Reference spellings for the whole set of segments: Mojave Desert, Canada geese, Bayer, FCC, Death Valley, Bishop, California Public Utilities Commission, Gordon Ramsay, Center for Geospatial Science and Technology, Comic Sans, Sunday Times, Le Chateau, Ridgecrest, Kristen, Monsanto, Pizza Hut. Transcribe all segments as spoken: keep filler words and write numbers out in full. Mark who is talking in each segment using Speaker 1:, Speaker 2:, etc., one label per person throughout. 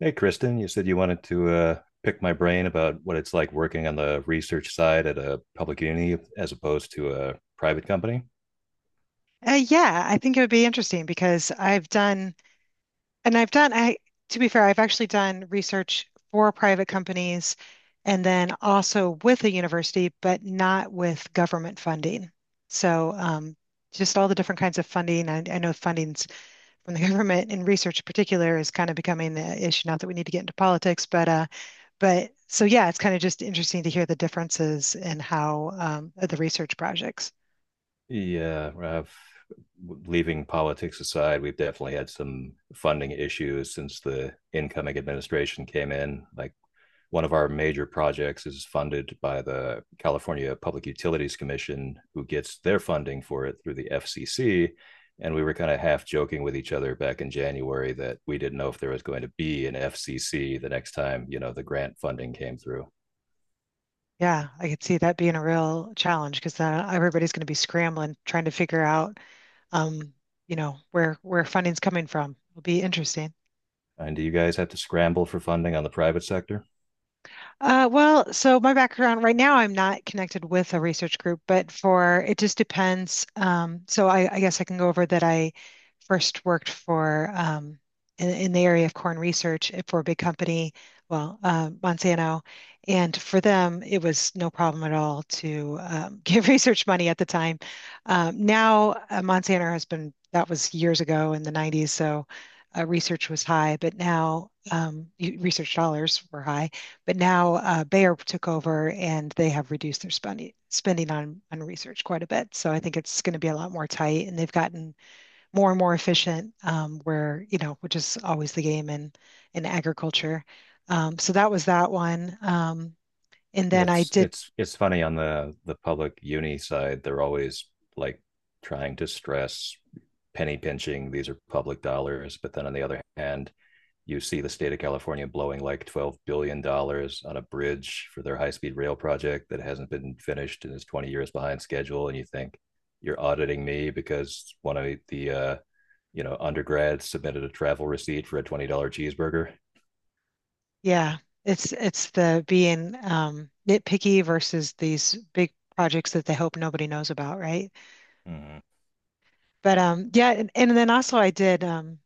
Speaker 1: Hey, Kristen, you said you wanted to uh, pick my brain about what it's like working on the research side at a public uni as opposed to a private company.
Speaker 2: Uh, yeah, I think it would be interesting because I've done, and I've done, I, to be fair, I've actually done research for private companies and then also with a university, but not with government funding. So, um, just all the different kinds of funding. I, I know funding's from the government in research in particular is kind of becoming the issue. Not that we need to get into politics, but, uh, but so yeah, it's kind of just interesting to hear the differences in how, um, the research projects.
Speaker 1: Yeah, I've, leaving politics aside, we've definitely had some funding issues since the incoming administration came in. Like one of our major projects is funded by the California Public Utilities Commission, who gets their funding for it through the F C C. And we were kind of half joking with each other back in January that we didn't know if there was going to be an F C C the next time, you know, the grant funding came through.
Speaker 2: Yeah, I could see that being a real challenge because uh, everybody's going to be scrambling trying to figure out, um, you know, where where funding's coming from. It'll be interesting.
Speaker 1: And do you guys have to scramble for funding on the private sector?
Speaker 2: Uh, well, so my background right now, I'm not connected with a research group, but for it just depends. Um, so I, I guess I can go over that I first worked for um, in, in the area of corn research for a big company, well, uh, Monsanto, and for them, it was no problem at all to um, give research money at the time. Um, now, uh, Monsanto has been that was years ago in the nineties, so uh, research was high, but now um, y- research dollars were high. But now uh, Bayer took over and they have reduced their spending spending on on research quite a bit. So I think it's going to be a lot more tight, and they've gotten more and more efficient. Um, where you know, which is always the game in in agriculture. Um, so that was that one. Um, and then I
Speaker 1: It's
Speaker 2: did,
Speaker 1: it's it's funny on the the public uni side. They're always like trying to stress penny pinching. These are public dollars, but then on the other hand, you see the state of California blowing like $12 billion dollars on a bridge for their high speed rail project that hasn't been finished and is twenty years behind schedule. And you think you're auditing me because one of the, uh, you know, undergrads submitted a travel receipt for a twenty dollars cheeseburger.
Speaker 2: yeah, it's it's the being um, nitpicky versus these big projects that they hope nobody knows about, right?
Speaker 1: Mm-hmm.
Speaker 2: But um, yeah, and, and then also I did um,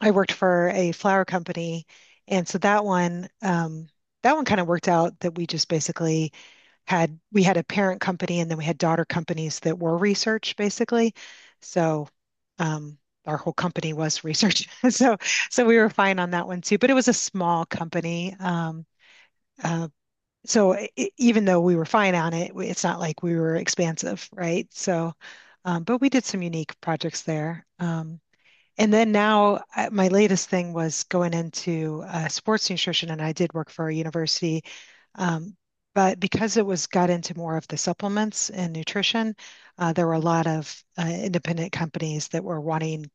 Speaker 2: I worked for a flower company, and so that one, um, that one kind of worked out that we just basically had we had a parent company and then we had daughter companies that were research basically. So, um, our whole company was research. So, so we were fine on that one too. But it was a small company. Um, uh, so i i- Even though we were fine on it, we- it's not like we were expansive, right? So, um, but we did some unique projects there. Um, and then now, uh, my latest thing was going into uh, sports nutrition, and I did work for a university. Um, but because it was got into more of the supplements and nutrition, uh, there were a lot of uh, independent companies that were wanting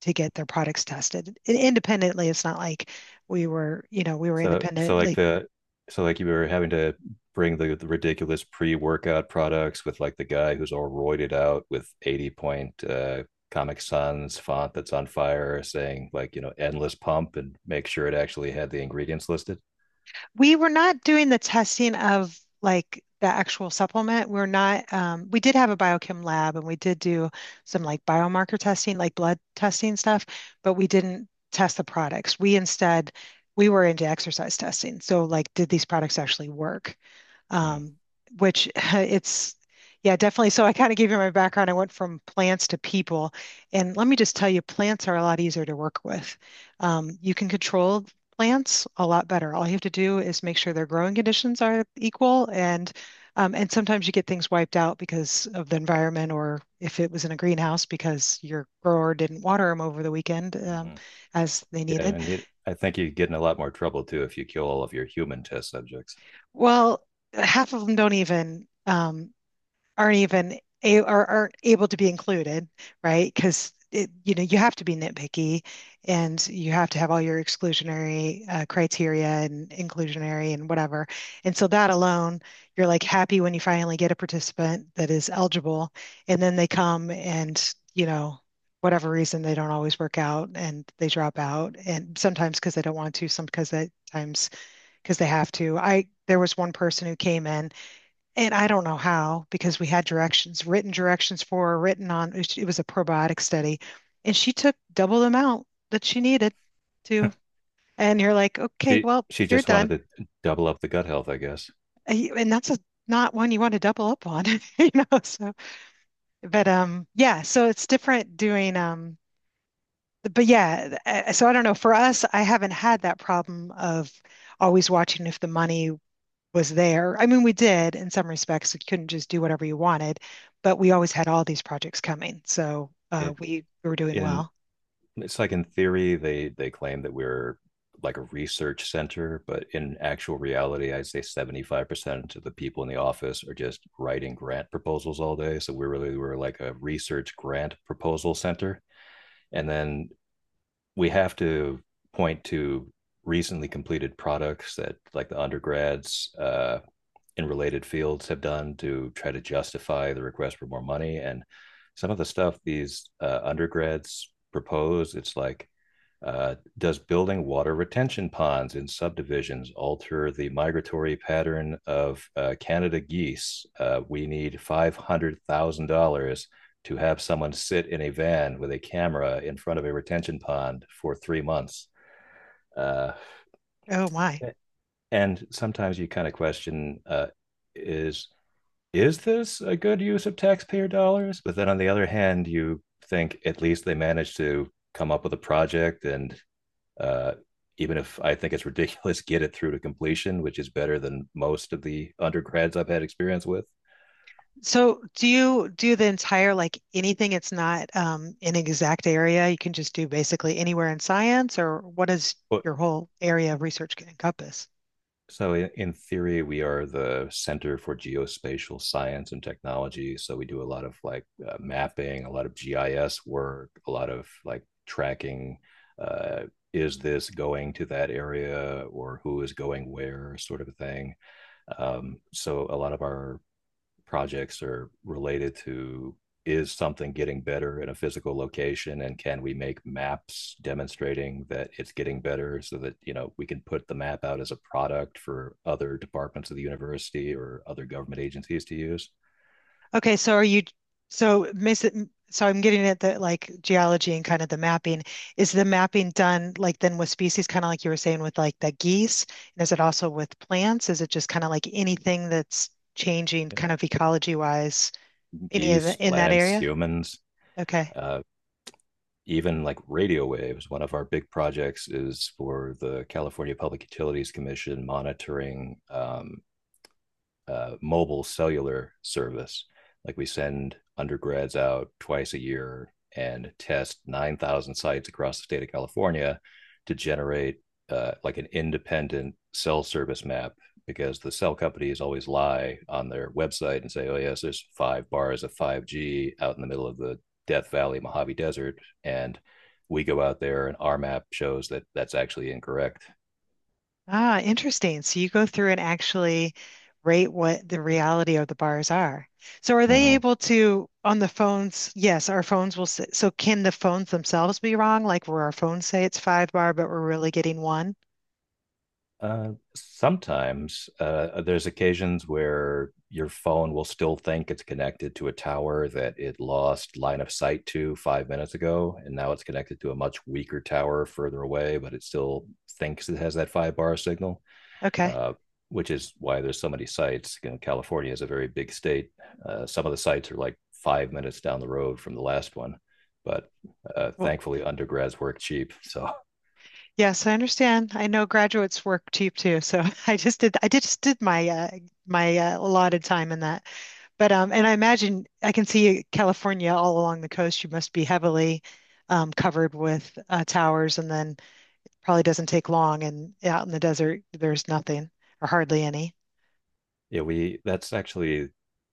Speaker 2: to get their products tested independently. It's not like we were, you know, we were
Speaker 1: So so like
Speaker 2: independently
Speaker 1: the so like you were having to bring the, the ridiculous pre-workout products with like the guy who's all roided out with eighty point uh Comic Sans font that's on fire saying like, you know, endless pump, and make sure it actually had the ingredients listed.
Speaker 2: we were not doing the testing of like the actual supplement. We're not, um, we did have a biochem lab and we did do some like biomarker testing, like blood testing stuff, but we didn't test the products. We instead, we were into exercise testing. So, like, did these products actually work?
Speaker 1: Mm,
Speaker 2: Um, which it's yeah, definitely. So I kind of gave you my background. I went from plants to people. And let me just tell you, plants are a lot easier to work with. Um, you can control plants a lot better. All you have to do is make sure their growing conditions are equal and um, and sometimes you get things wiped out because of the environment or if it was in a greenhouse because your grower didn't water them over the weekend um,
Speaker 1: mhm.
Speaker 2: as they
Speaker 1: Yeah,
Speaker 2: needed.
Speaker 1: and you, I think you get in a lot more trouble too if you kill all of your human test subjects.
Speaker 2: Well, half of them don't even um, aren't even a, or aren't able to be included, right? Because it, you know, you have to be nitpicky and you have to have all your exclusionary uh, criteria and inclusionary and whatever. And so that alone, you're like happy when you finally get a participant that is eligible, and then they come and, you know, whatever reason they don't always work out and they drop out and sometimes because they don't want to, some because they times because they have to. I There was one person who came in and I don't know how, because we had directions, written directions for her, written on, it was a probiotic study. And she took double the amount that she needed to. And you're like, okay,
Speaker 1: she
Speaker 2: well,
Speaker 1: she
Speaker 2: you're
Speaker 1: just wanted
Speaker 2: done.
Speaker 1: to double up the gut health, I guess.
Speaker 2: And that's a, not one you want to double up on, you know? So, but um, yeah, so it's different doing, um, but yeah, uh, so I don't know. For us, I haven't had that problem of always watching if the money was there. I mean, we did in some respects. We couldn't just do whatever you wanted, but we always had all these projects coming. So uh,
Speaker 1: It
Speaker 2: we were doing
Speaker 1: in
Speaker 2: well.
Speaker 1: it's like in theory they they claim that we're like a research center, but in actual reality, I'd say seventy five percent of the people in the office are just writing grant proposals all day. So we really were like a research grant proposal center, and then we have to point to recently completed products that like the undergrads uh, in related fields have done to try to justify the request for more money. And some of the stuff these uh, undergrads propose, it's like, uh, does building water retention ponds in subdivisions alter the migratory pattern of uh, Canada geese? Uh, we need five hundred thousand dollars to have someone sit in a van with a camera in front of a retention pond for three months. Uh,
Speaker 2: Oh my.
Speaker 1: and sometimes you kind of question, uh, is is this a good use of taxpayer dollars? But then on the other hand, you think at least they managed to come up with a project and, uh, even if I think it's ridiculous, get it through to completion, which is better than most of the undergrads I've had experience with.
Speaker 2: So do you do the entire like anything it's not um, an exact area? You can just do basically anywhere in science, or what does
Speaker 1: But
Speaker 2: your whole area of research encompass?
Speaker 1: so in, in theory, we are the Center for Geospatial Science and Technology. So we do a lot of like uh, mapping, a lot of G I S work, a lot of like tracking. Uh, is this going to that area, or who is going where, sort of a thing. Um, so a lot of our projects are related to, is something getting better in a physical location, and can we make maps demonstrating that it's getting better so that, you know, we can put the map out as a product for other departments of the university or other government agencies to use?
Speaker 2: Okay, so are you so miss it, so I'm getting at the like geology and kind of the mapping. Is the mapping done like then with species, kind of like you were saying with like the geese? And is it also with plants? Is it just kind of like anything that's changing kind of ecology wise, any of the,
Speaker 1: Geese,
Speaker 2: in that
Speaker 1: plants,
Speaker 2: area?
Speaker 1: humans,
Speaker 2: Okay.
Speaker 1: uh, even like radio waves. One of our big projects is for the California Public Utilities Commission monitoring, um, uh, mobile cellular service. Like we send undergrads out twice a year and test nine thousand sites across the state of California to generate uh, like an independent cell service map, because the cell companies always lie on their website and say, oh, yes, there's five bars of five G out in the middle of the Death Valley, Mojave Desert. And we go out there and our map shows that that's actually incorrect.
Speaker 2: Ah, interesting. So you go through and actually rate what the reality of the bars are. So are they
Speaker 1: Mm-hmm.
Speaker 2: able to on the phones? Yes, our phones will s so can the phones themselves be wrong? Like where our phones say it's five bar, but we're really getting one?
Speaker 1: Uh, sometimes uh, there's occasions where your phone will still think it's connected to a tower that it lost line of sight to five minutes ago, and now it's connected to a much weaker tower further away, but it still thinks it has that five bar signal.
Speaker 2: Okay.
Speaker 1: Uh, which is why there's so many sites. You know, California is a very big state. Uh, some of the sites are like five minutes down the road from the last one, but uh,
Speaker 2: Well,
Speaker 1: thankfully undergrads work cheap, so
Speaker 2: yes, I understand. I know graduates work cheap too, so I just did. I did- just did my uh, my uh, allotted time in that. But um, and I imagine I can see California all along the coast. You must be heavily um, covered with uh, towers and then probably doesn't take long. And out in the desert, there's nothing or hardly any.
Speaker 1: Yeah, we that's actually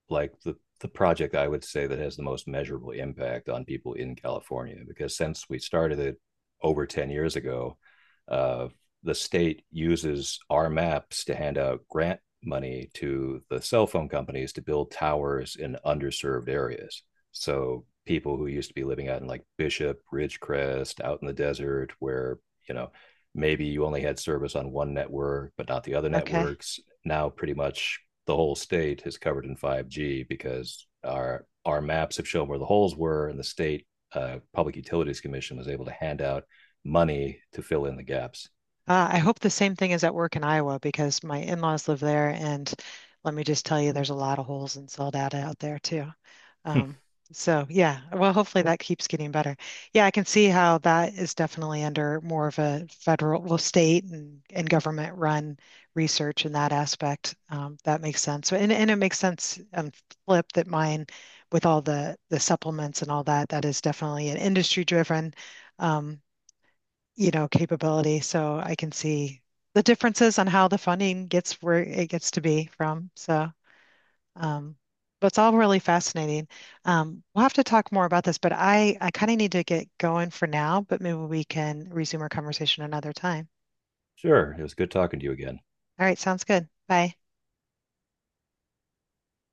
Speaker 1: like the the project I would say that has the most measurable impact on people in California, because since we started it over ten years ago, uh, the state uses our maps to hand out grant money to the cell phone companies to build towers in underserved areas. So people who used to be living out in like Bishop, Ridgecrest, out in the desert where, you know, maybe you only had service on one network but not the other
Speaker 2: Okay.
Speaker 1: networks, now pretty much the whole state is covered in five G because our our maps have shown where the holes were, and the state uh, Public Utilities Commission was able to hand out money to fill in the gaps.
Speaker 2: Uh, I hope the same thing is at work in Iowa because my in-laws live there, and let me just tell you, there's a lot of holes in cell data out there too. Um, so yeah, well, hopefully that keeps getting better. Yeah, I can see how that is definitely under more of a federal, well, state and, and government run research in that aspect. Um, that makes sense. And, and it makes sense um, flip that mine with all the the supplements and all that, that is definitely an industry driven. Um, you know, capability. So I can see the differences on how the funding gets where it gets to be from. So, um, but it's all really fascinating. Um, we'll have to talk more about this, but I, I kind of need to get going for now, but maybe we can resume our conversation another time.
Speaker 1: Sure, it was good talking to you again.
Speaker 2: All right, sounds good. Bye.